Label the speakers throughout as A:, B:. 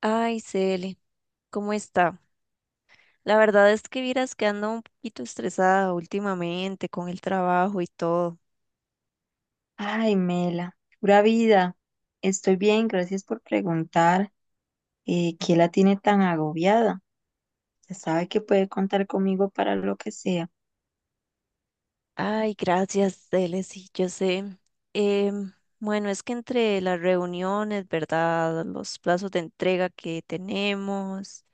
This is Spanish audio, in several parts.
A: Ay, Cele, ¿cómo está? La verdad es que vieras que ando un poquito estresada últimamente con el trabajo y todo.
B: Ay, Mela, pura vida. Estoy bien, gracias por preguntar. ¿Qué la tiene tan agobiada? Ya sabe que puede contar conmigo para lo que sea.
A: Ay, gracias, Cele, sí, yo sé. Em, bueno, es que entre las reuniones, ¿verdad? Los plazos de entrega que tenemos,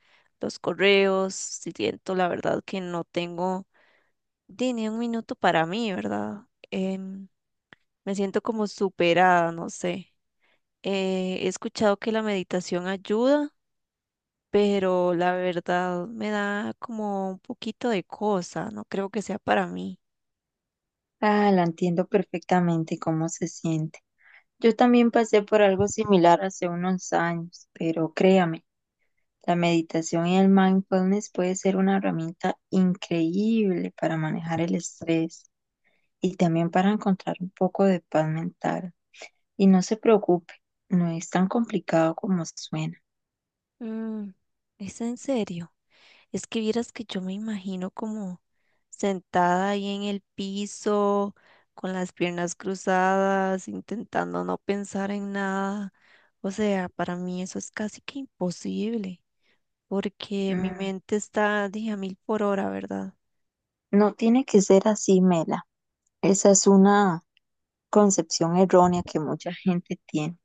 A: los correos, siento la verdad que no tengo ni un minuto para mí, ¿verdad? Em, Me siento como superada, no sé. He escuchado que la meditación ayuda, pero la verdad me da como un poquito de cosa, no creo que sea para mí.
B: Ah, la entiendo perfectamente cómo se siente. Yo también pasé por algo similar hace unos años, pero créame, la meditación y el mindfulness puede ser una herramienta increíble para manejar el estrés y también para encontrar un poco de paz mental. Y no se preocupe, no es tan complicado como suena.
A: Mm, ¿Es en serio? Es que vieras que yo me imagino como sentada ahí en el piso, con las piernas cruzadas, intentando no pensar en nada. O sea, para mí eso es casi que imposible, porque mi
B: Mm.
A: mente está, dije, a mil por hora, ¿verdad?
B: No tiene que ser así, Mela. Esa es una concepción errónea que mucha gente tiene.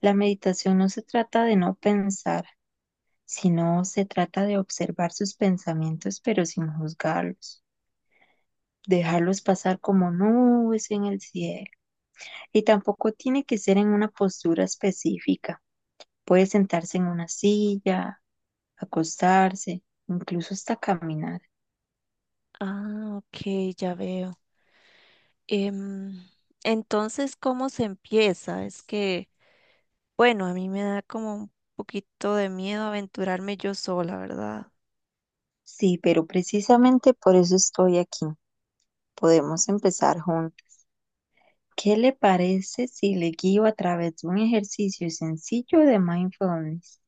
B: La meditación no se trata de no pensar, sino se trata de observar sus pensamientos, pero sin juzgarlos, dejarlos pasar como nubes en el cielo. Y tampoco tiene que ser en una postura específica. Puede sentarse en una silla, acostarse, incluso hasta caminar.
A: Ah, ok, ya veo. Em, entonces, ¿cómo se empieza? Es que, bueno, a mí me da como un poquito de miedo aventurarme yo sola, ¿verdad?
B: Sí, pero precisamente por eso estoy aquí. Podemos empezar juntos. ¿Qué le parece si le guío a través de un ejercicio sencillo de mindfulness?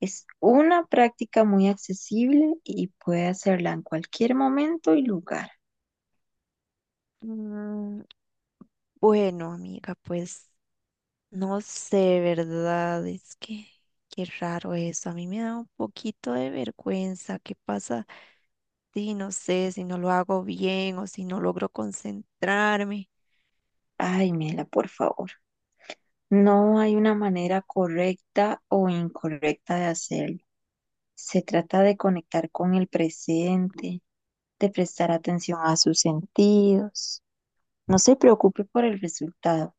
B: Es una práctica muy accesible y puede hacerla en cualquier momento y lugar.
A: Mm, bueno, amiga, pues. No sé, ¿verdad? Es que qué raro eso. A mí me da un poquito de vergüenza. ¿Qué pasa? Sí, no sé si no lo hago bien o si no logro concentrarme.
B: Ay, Mela, por favor. No hay una manera correcta o incorrecta de hacerlo. Se trata de conectar con el presente, de prestar atención a sus sentidos. No se preocupe por el resultado,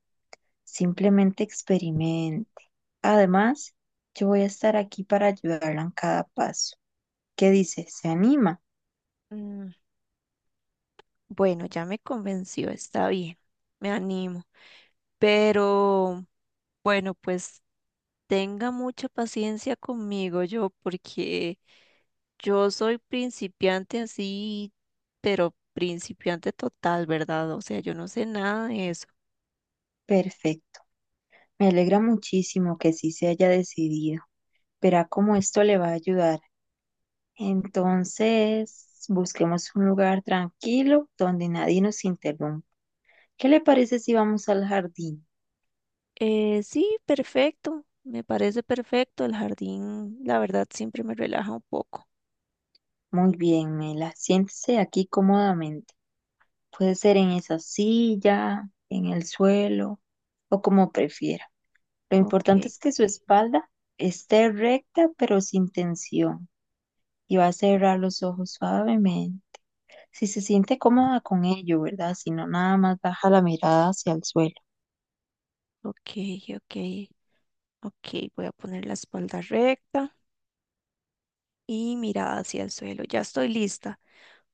B: simplemente experimente. Además, yo voy a estar aquí para ayudarla en cada paso. ¿Qué dice? ¿Se anima?
A: Mm, bueno, ya me convenció, está bien, me animo. Pero bueno, pues tenga mucha paciencia conmigo yo, porque yo soy principiante así, pero principiante total, ¿verdad? O sea, yo no sé nada de eso.
B: Perfecto. Me alegra muchísimo que sí se haya decidido. Verá cómo esto le va a ayudar. Entonces, busquemos un lugar tranquilo donde nadie nos interrumpa. ¿Qué le parece si vamos al jardín?
A: Sí, perfecto. Me parece perfecto. El jardín, la verdad, siempre me relaja un poco.
B: Muy bien, Mela. Siéntese aquí cómodamente. Puede ser en esa silla, en el suelo o como prefiera. Lo importante
A: Ok,
B: es que su espalda esté recta pero sin tensión y va a cerrar los ojos suavemente. Si se siente cómoda con ello, ¿verdad? Si no, nada más baja la mirada hacia el suelo.
A: ok, ok, ok. Voy a poner la espalda recta y mirada hacia el suelo. Ya estoy lista.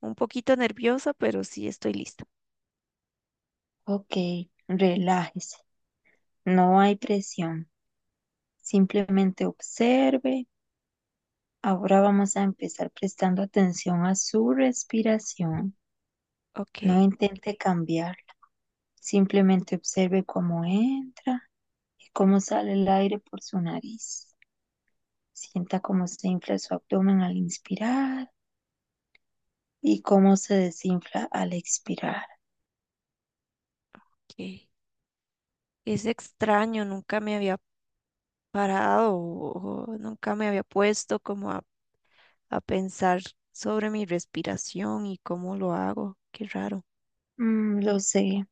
A: Un poquito nerviosa, pero sí estoy lista.
B: Ok, relájese, no hay presión, simplemente observe. Ahora vamos a empezar prestando atención a su respiración.
A: Ok,
B: No intente cambiarla, simplemente observe cómo entra y cómo sale el aire por su nariz. Sienta cómo se infla su abdomen al inspirar y cómo se desinfla al expirar.
A: ok. Es extraño, nunca me había parado o nunca me había puesto como a pensar sobre mi respiración y cómo lo hago. Qué raro.
B: Mm, lo sé,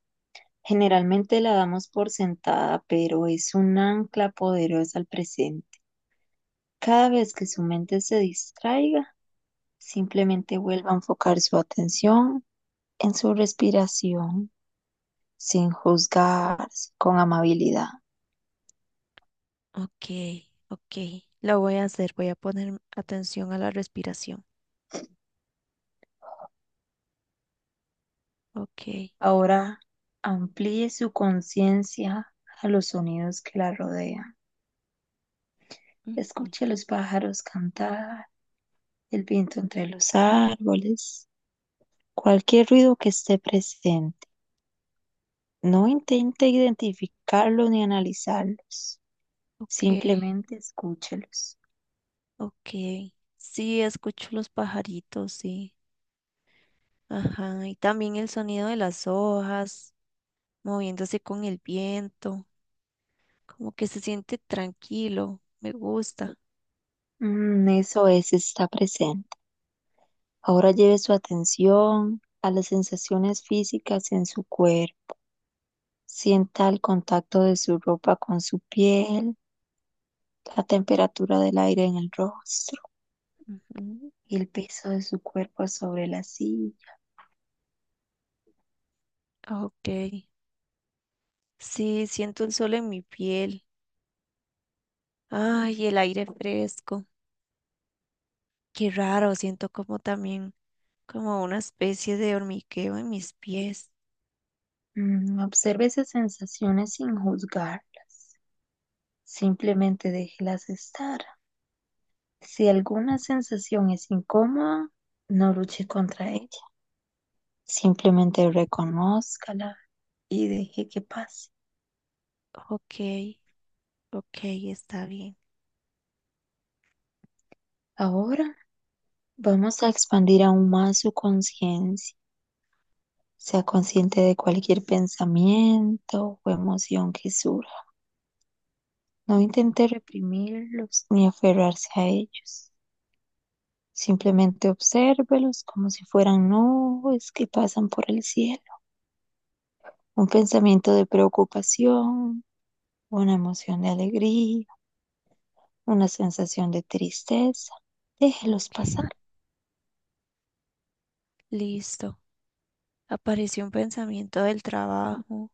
B: generalmente la damos por sentada, pero es un ancla poderosa al presente. Cada vez que su mente se distraiga, simplemente vuelva a enfocar su atención en su respiración, sin juzgarse, con amabilidad.
A: Ok, ok. Lo voy a hacer, voy a poner atención a la respiración. Ok,
B: Ahora amplíe su conciencia a los sonidos que la rodean.
A: ujú,
B: Escuche a los pájaros cantar, el viento entre los árboles, cualquier ruido que esté presente. No intente identificarlos ni analizarlos,
A: ok,
B: simplemente escúchelos.
A: ok. Sí, escucho los pajaritos, sí. Ajá, y también el sonido de las hojas moviéndose con el viento. Como que se siente tranquilo. Me gusta.
B: Mm, eso es, está presente. Ahora lleve su atención a las sensaciones físicas en su cuerpo. Sienta el contacto de su ropa con su piel, la temperatura del aire en el rostro
A: Ujú,
B: y el peso de su cuerpo sobre la silla.
A: ok. Sí, siento el sol en mi piel. Ay, el aire fresco. Qué raro, siento como también, como una especie de hormigueo en mis pies.
B: Mm, observe esas sensaciones sin juzgarlas. Simplemente déjelas estar. Si alguna sensación es incómoda, no luche contra ella. Simplemente reconózcala y deje que pase.
A: Ok, ok, está bien.
B: Ahora vamos a expandir aún más su conciencia. Sea consciente de cualquier pensamiento o emoción que surja. No intente reprimirlos ni aferrarse a ellos. Simplemente obsérvelos como si fueran nubes que pasan por el cielo. Un pensamiento de preocupación, una emoción de alegría, una sensación de tristeza. Déjelos
A: Ok,
B: pasar.
A: listo. Apareció un pensamiento del trabajo,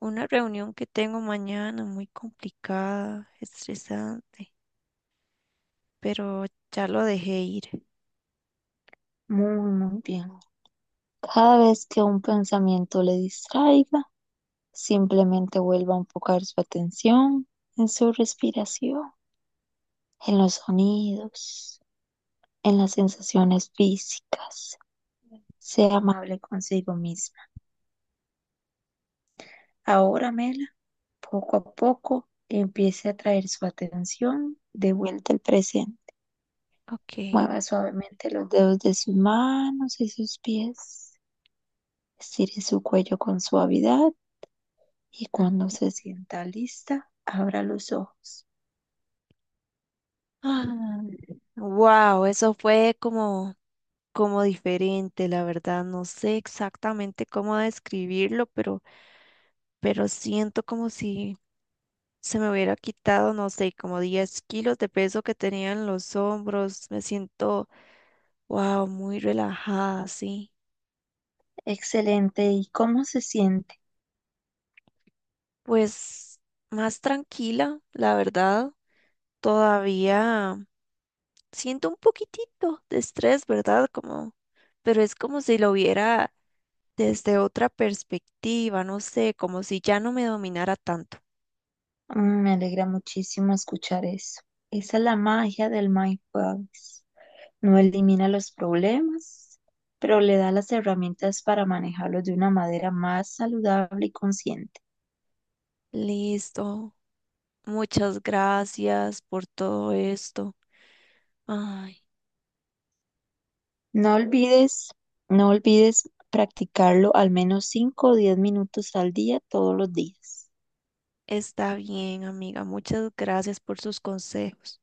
A: una reunión que tengo mañana muy complicada, estresante, pero ya lo dejé ir.
B: Muy, muy bien. Cada vez que un pensamiento le distraiga, simplemente vuelva a enfocar su atención en su respiración, en los sonidos, en las sensaciones físicas. Sea amable consigo misma. Ahora, Mela, poco a poco empiece a traer su atención de vuelta al presente.
A: Ok.
B: Mueva suavemente los dedos de sus manos y sus pies. Estire su cuello con suavidad y cuando se sienta lista, abra los ojos.
A: Wow, eso fue como diferente, la verdad. No sé exactamente cómo describirlo, pero siento como si se me hubiera quitado, no sé, como 10 kilos de peso que tenía en los hombros. Me siento, wow, muy relajada, sí.
B: Excelente. ¿Y cómo se siente?
A: Pues más tranquila, la verdad. Todavía siento un poquitito de estrés, ¿verdad? Como, pero es como si lo viera desde otra perspectiva, no sé, como si ya no me dominara tanto.
B: Mm, me alegra muchísimo escuchar eso. Esa es la magia del mindfulness. No elimina los problemas, pero le da las herramientas para manejarlos de una manera más saludable y consciente.
A: Listo. Muchas gracias por todo esto. Ay.
B: No olvides, no olvides practicarlo al menos 5 o 10 minutos al día todos los días.
A: Está bien, amiga. Muchas gracias por sus consejos.